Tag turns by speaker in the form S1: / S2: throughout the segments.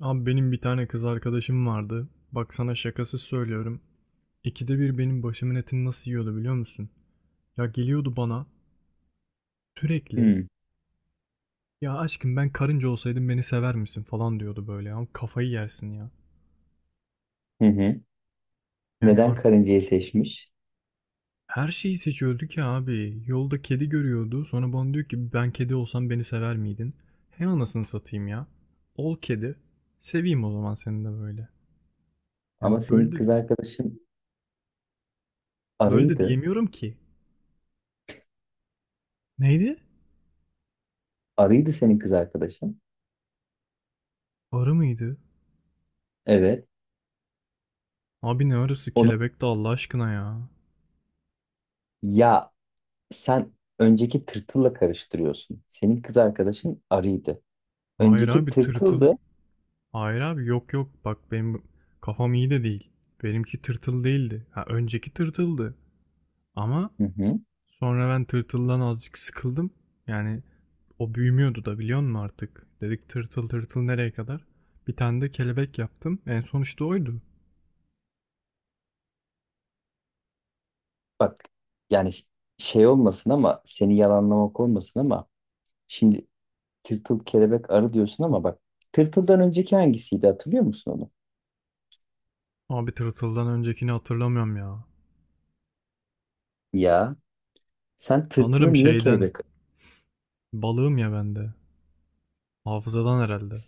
S1: Abi benim bir tane kız arkadaşım vardı. Bak sana şakasız söylüyorum. İkide bir benim başımın etini nasıl yiyordu biliyor musun? Ya geliyordu bana sürekli.
S2: Hmm.
S1: Ya aşkım ben karınca olsaydım beni sever misin falan diyordu böyle. Ya kafayı yersin ya.
S2: Hı hı.
S1: Yani
S2: Neden
S1: artık
S2: karıncayı seçmiş?
S1: her şeyi seçiyordu ki abi. Yolda kedi görüyordu. Sonra bana diyor ki ben kedi olsam beni sever miydin? He anasını satayım ya. Ol kedi. Seveyim o zaman seni de böyle.
S2: Ama
S1: Yani
S2: senin kız arkadaşın
S1: böyle de
S2: arıydı.
S1: diyemiyorum ki. Neydi?
S2: Arıydı senin kız arkadaşın.
S1: Arı mıydı?
S2: Evet.
S1: Abi ne arası
S2: Onu
S1: kelebek de Allah aşkına ya.
S2: ya sen önceki tırtılla karıştırıyorsun. Senin kız arkadaşın arıydı.
S1: Hayır
S2: Önceki
S1: abi tırtıl.
S2: tırtıldı.
S1: Hayır abi yok yok bak benim kafam iyi de değil. Benimki tırtıl değildi. Ha önceki tırtıldı. Ama
S2: Hı hı.
S1: sonra ben tırtıldan azıcık sıkıldım. Yani o büyümüyordu da biliyor musun artık? Dedik tırtıl tırtıl nereye kadar? Bir tane de kelebek yaptım. En son işte oydu.
S2: Bak yani şey olmasın ama seni yalanlamak olmasın ama şimdi tırtıl, kelebek, arı diyorsun ama bak, tırtıldan önceki hangisiydi hatırlıyor musun onu?
S1: Abi tırtıldan öncekini hatırlamıyorum ya.
S2: Ya sen
S1: Sanırım
S2: tırtılı niye
S1: şeyden.
S2: kelebek...
S1: Balığım ya bende. Hafızadan herhalde.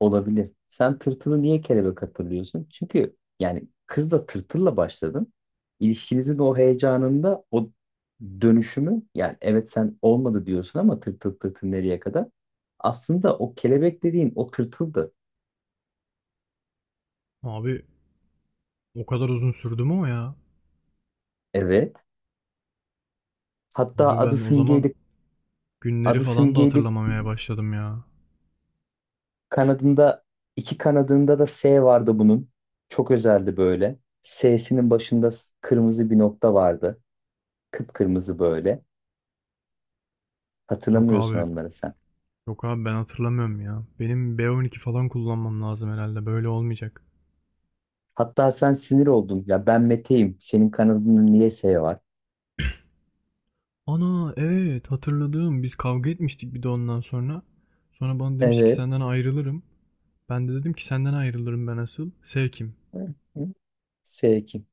S2: Olabilir. Sen tırtılı niye kelebek hatırlıyorsun? Çünkü yani kızla, tırtılla başladın. İlişkinizin o heyecanında o dönüşümü, yani evet sen olmadı diyorsun ama tırtıl tırtıl nereye kadar? Aslında o kelebek dediğin o tırtıldı.
S1: Abi o kadar uzun sürdü mü o ya?
S2: Evet. Hatta
S1: Abi
S2: adı
S1: ben o zaman
S2: simgeydi.
S1: günleri
S2: Adı
S1: falan da
S2: simgeydi.
S1: hatırlamamaya başladım ya.
S2: Kanadında, iki kanadında da S vardı bunun. Çok özeldi böyle. S'sinin başında kırmızı bir nokta vardı. Kıpkırmızı böyle.
S1: Yok
S2: Hatırlamıyorsun
S1: abi.
S2: onları sen.
S1: Yok abi ben hatırlamıyorum ya. Benim B12 falan kullanmam lazım herhalde. Böyle olmayacak.
S2: Hatta sen sinir oldun. Ya ben Mete'yim. Senin kanadında niye S var?
S1: Ana evet hatırladım. Biz kavga etmiştik bir de ondan sonra. Sonra bana demiş ki
S2: Evet.
S1: senden ayrılırım. Ben de dedim ki senden ayrılırım ben asıl. Sevkim.
S2: Hı hı. S kim?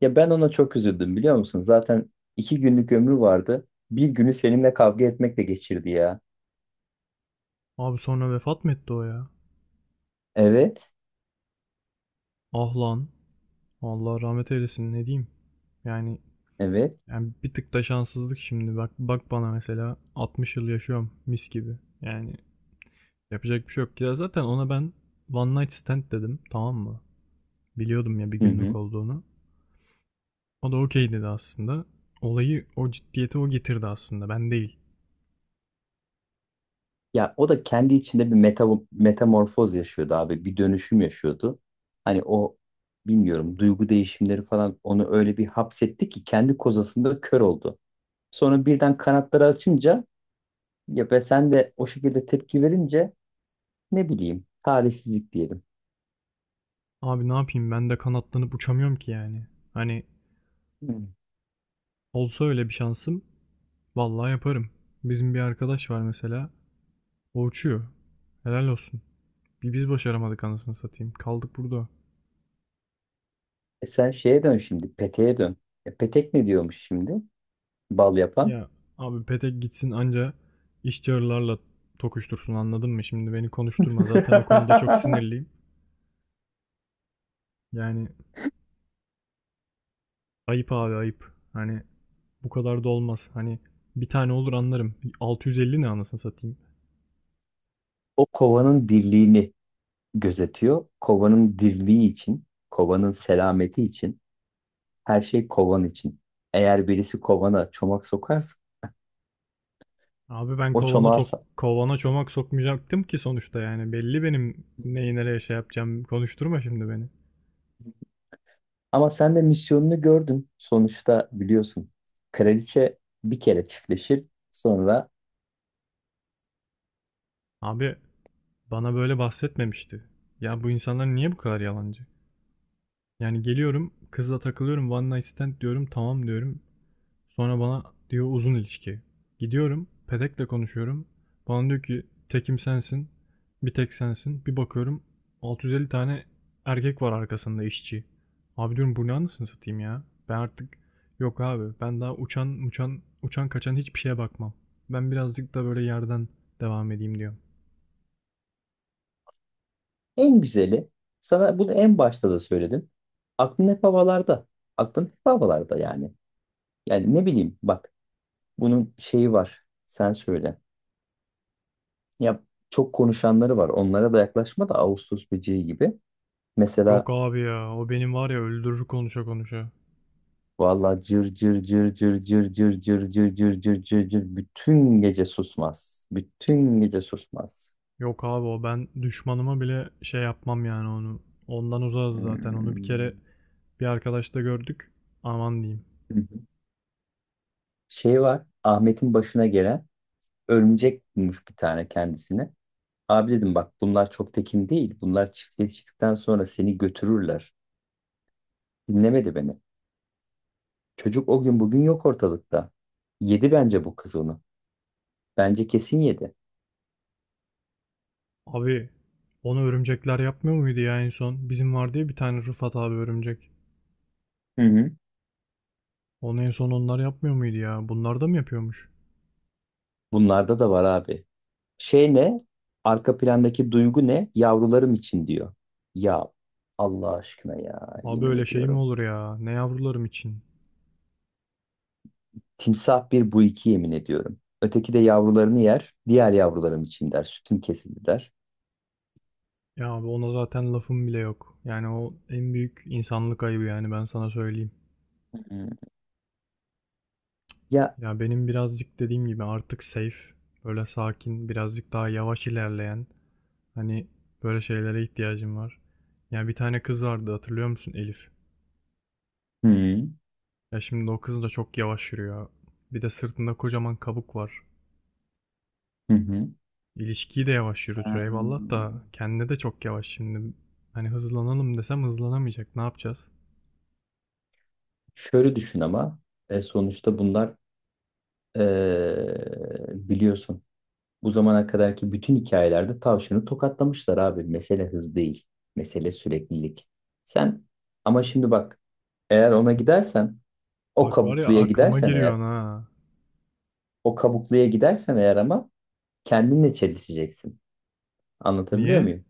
S2: Ya ben ona çok üzüldüm biliyor musun? Zaten iki günlük ömrü vardı. Bir günü seninle kavga etmekle geçirdi ya.
S1: Abi sonra vefat mı etti o ya?
S2: Evet.
S1: Ah lan. Allah rahmet eylesin ne diyeyim. Yani,
S2: Evet.
S1: yani, bir tık da şanssızlık şimdi. Bak bak bana mesela 60 yıl yaşıyorum mis gibi. Yani yapacak bir şey yok. Ya zaten ona ben one night stand dedim. Tamam mı? Biliyordum ya bir
S2: Hı
S1: günlük
S2: hı.
S1: olduğunu. O da okey dedi aslında. Olayı o ciddiyeti o getirdi aslında. Ben değil.
S2: Ya o da kendi içinde bir metamorfoz yaşıyordu abi. Bir dönüşüm yaşıyordu. Hani o, bilmiyorum, duygu değişimleri falan onu öyle bir hapsetti ki kendi kozasında kör oldu. Sonra birden kanatları açınca, ya ve sen de o şekilde tepki verince, ne bileyim, talihsizlik diyelim.
S1: Abi ne yapayım ben de kanatlanıp uçamıyorum ki yani. Hani
S2: Hmm.
S1: olsa öyle bir şansım vallahi yaparım. Bizim bir arkadaş var mesela. O uçuyor. Helal olsun. Bir biz başaramadık anasını satayım. Kaldık burada.
S2: E sen şeye dön şimdi, peteğe dön. E petek ne diyormuş şimdi? Bal yapan.
S1: Ya abi petek gitsin anca işçilerle tokuştursun anladın mı? Şimdi beni konuşturma. Zaten o konuda çok sinirliyim. Yani ayıp abi ayıp. Hani bu kadar da olmaz. Hani bir tane olur anlarım. 650 ne anasını satayım.
S2: O kovanın dirliğini gözetiyor. Kovanın dirliği için, kovanın selameti için, her şey kovan için. Eğer birisi kovana çomak sokarsa
S1: Abi ben
S2: o
S1: kovana çok kovana çomak sokmayacaktım ki sonuçta yani. Belli benim neyi nereye şey yapacağım. Konuşturma şimdi beni.
S2: ama sen de misyonunu gördün. Sonuçta biliyorsun. Kraliçe bir kere çiftleşir. Sonra...
S1: Abi bana böyle bahsetmemişti. Ya bu insanlar niye bu kadar yalancı? Yani geliyorum kızla takılıyorum one night stand diyorum tamam diyorum. Sonra bana diyor uzun ilişki. Gidiyorum, pedekle konuşuyorum. Bana diyor ki tekim sensin, bir tek sensin. Bir bakıyorum 650 tane erkek var arkasında işçi. Abi diyorum bu ne anasını satayım ya. Ben artık yok abi ben daha uçan uçan uçan kaçan hiçbir şeye bakmam. Ben birazcık da böyle yerden devam edeyim diyor.
S2: En güzeli, sana bunu en başta da söyledim. Aklın hep havalarda. Aklın hep havalarda yani. Yani ne bileyim bak, bunun şeyi var. Sen söyle. Ya çok konuşanları var. Onlara da yaklaşma, da Ağustos böceği gibi.
S1: Yok
S2: Mesela
S1: abi ya o benim var ya öldürür konuşa konuşa.
S2: valla cır cır cır cır cır cır cır cır cır cır cır cır bütün gece susmaz. Bütün gece susmaz.
S1: Yok abi o ben düşmanıma bile şey yapmam yani onu. Ondan uzağız zaten onu bir
S2: Hmm.
S1: kere bir arkadaşta gördük. Aman diyeyim.
S2: Şey var, Ahmet'in başına gelen: örümcek bulmuş bir tane kendisine. Abi dedim bak, bunlar çok tekin değil. Bunlar çiftleştikten sonra seni götürürler. Dinlemedi beni. Çocuk o gün bugün yok ortalıkta. Yedi bence bu kız onu. Bence kesin yedi.
S1: Abi onu örümcekler yapmıyor muydu ya en son? Bizim var diye bir tane Rıfat abi örümcek.
S2: Hı hı.
S1: Onu en son onlar yapmıyor muydu ya? Bunlar da mı yapıyormuş?
S2: Bunlarda da var abi. Şey ne? Arka plandaki duygu ne? Yavrularım için diyor. Ya Allah aşkına ya,
S1: Abi
S2: yemin
S1: öyle şey mi
S2: ediyorum.
S1: olur ya? Ne yavrularım için?
S2: Timsah bir, bu iki, yemin ediyorum. Öteki de yavrularını yer. Diğer yavrularım için der. Sütüm kesildi der.
S1: Ya abi ona zaten lafım bile yok. Yani o en büyük insanlık ayıbı yani ben sana söyleyeyim.
S2: Hı, ya
S1: Ya benim birazcık dediğim gibi artık safe, böyle sakin, birazcık daha yavaş ilerleyen hani böyle şeylere ihtiyacım var. Ya bir tane kız vardı hatırlıyor musun Elif?
S2: hı.
S1: Ya şimdi o kız da çok yavaş yürüyor. Bir de sırtında kocaman kabuk var.
S2: Hı hı.
S1: İlişkiyi de yavaş yürütür eyvallah da
S2: Hmm.
S1: kendine de çok yavaş şimdi. Hani hızlanalım desem hızlanamayacak. Ne yapacağız?
S2: Şöyle düşün ama, sonuçta bunlar, biliyorsun, bu zamana kadarki bütün hikayelerde tavşanı tokatlamışlar abi. Mesele hız değil. Mesele süreklilik. Sen, ama şimdi bak, eğer ona gidersen, o
S1: Bak var ya
S2: kabukluya
S1: aklıma
S2: gidersen
S1: giriyor
S2: eğer,
S1: ha.
S2: o kabukluya gidersen eğer ama kendinle çelişeceksin. Anlatabiliyor
S1: Niye?
S2: muyum?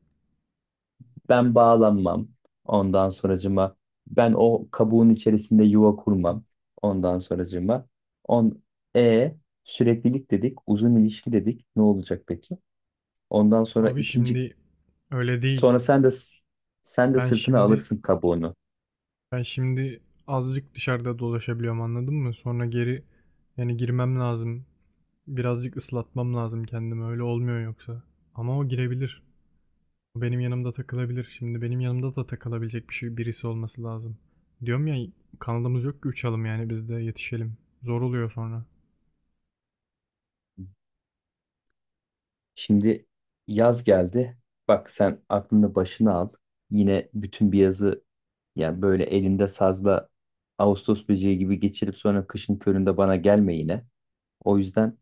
S2: Ben bağlanmam. Ondan sonracıma ben o kabuğun içerisinde yuva kurmam. Ondan sonracıma on e süreklilik dedik, uzun ilişki dedik. Ne olacak peki? Ondan sonra
S1: Abi
S2: ikinci,
S1: şimdi öyle değil.
S2: sonra sen de, sen de
S1: Ben
S2: sırtına
S1: şimdi
S2: alırsın kabuğunu.
S1: ben şimdi azıcık dışarıda dolaşabiliyorum anladın mı? Sonra geri yani girmem lazım. Birazcık ıslatmam lazım kendimi. Öyle olmuyor yoksa. Ama o girebilir. Benim yanımda takılabilir. Şimdi benim yanımda da takılabilecek bir şey birisi olması lazım. Diyorum ya kanalımız yok ki uçalım yani biz de yetişelim. Zor oluyor sonra.
S2: Şimdi yaz geldi. Bak sen aklını başına al. Yine bütün bir yazı, yani böyle elinde sazla Ağustos böceği gibi geçirip sonra kışın köründe bana gelme yine. O yüzden...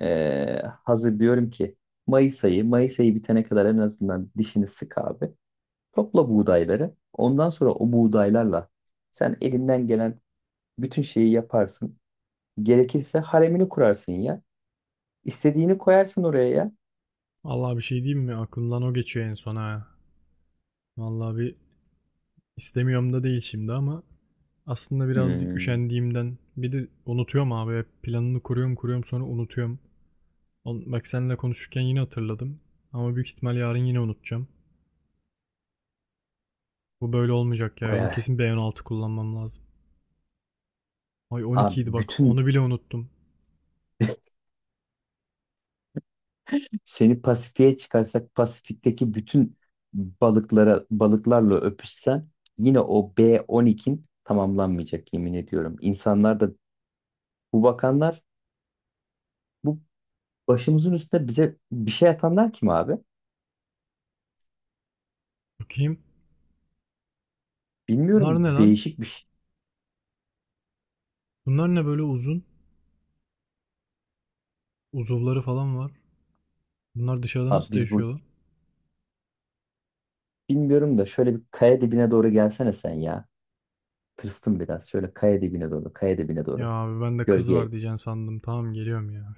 S2: Hazır diyorum ki Mayıs ayı, Mayıs ayı bitene kadar en azından dişini sık abi. Topla buğdayları. Ondan sonra o buğdaylarla sen elinden gelen bütün şeyi yaparsın. Gerekirse haremini kurarsın ya. İstediğini koyarsın oraya ya.
S1: Allah bir şey diyeyim mi? Aklımdan o geçiyor en son ha. Vallahi bir istemiyorum da değil şimdi ama aslında birazcık
S2: Hmm.
S1: üşendiğimden bir de unutuyorum abi. Planını kuruyorum kuruyorum sonra unutuyorum. Bak seninle konuşurken yine hatırladım. Ama büyük ihtimal yarın yine unutacağım. Bu böyle olmayacak ya. Benim
S2: Bayağı.
S1: kesin B16 kullanmam lazım. Ay
S2: Abi
S1: 12 idi bak
S2: bütün,
S1: onu bile unuttum.
S2: seni Pasifik'e çıkarsak Pasifik'teki bütün balıklara, balıklarla öpüşsen yine o B12'in tamamlanmayacak, yemin ediyorum. İnsanlar da, bu bakanlar, bu başımızın üstüne bize bir şey atanlar kim abi?
S1: Bakayım. Bunlar
S2: Bilmiyorum,
S1: ne lan?
S2: değişik bir şey.
S1: Bunlar ne böyle uzun? Uzuvları falan var. Bunlar dışarıda
S2: Abi
S1: nasıl
S2: biz
S1: yaşıyor
S2: bu,
S1: lan?
S2: bilmiyorum da, şöyle bir kaya dibine doğru gelsene sen ya. Tırstım biraz. Şöyle kaya dibine doğru, kaya dibine
S1: Ya
S2: doğru.
S1: abi ben de kız
S2: Gölge.
S1: var diyeceksin sandım. Tamam geliyorum ya.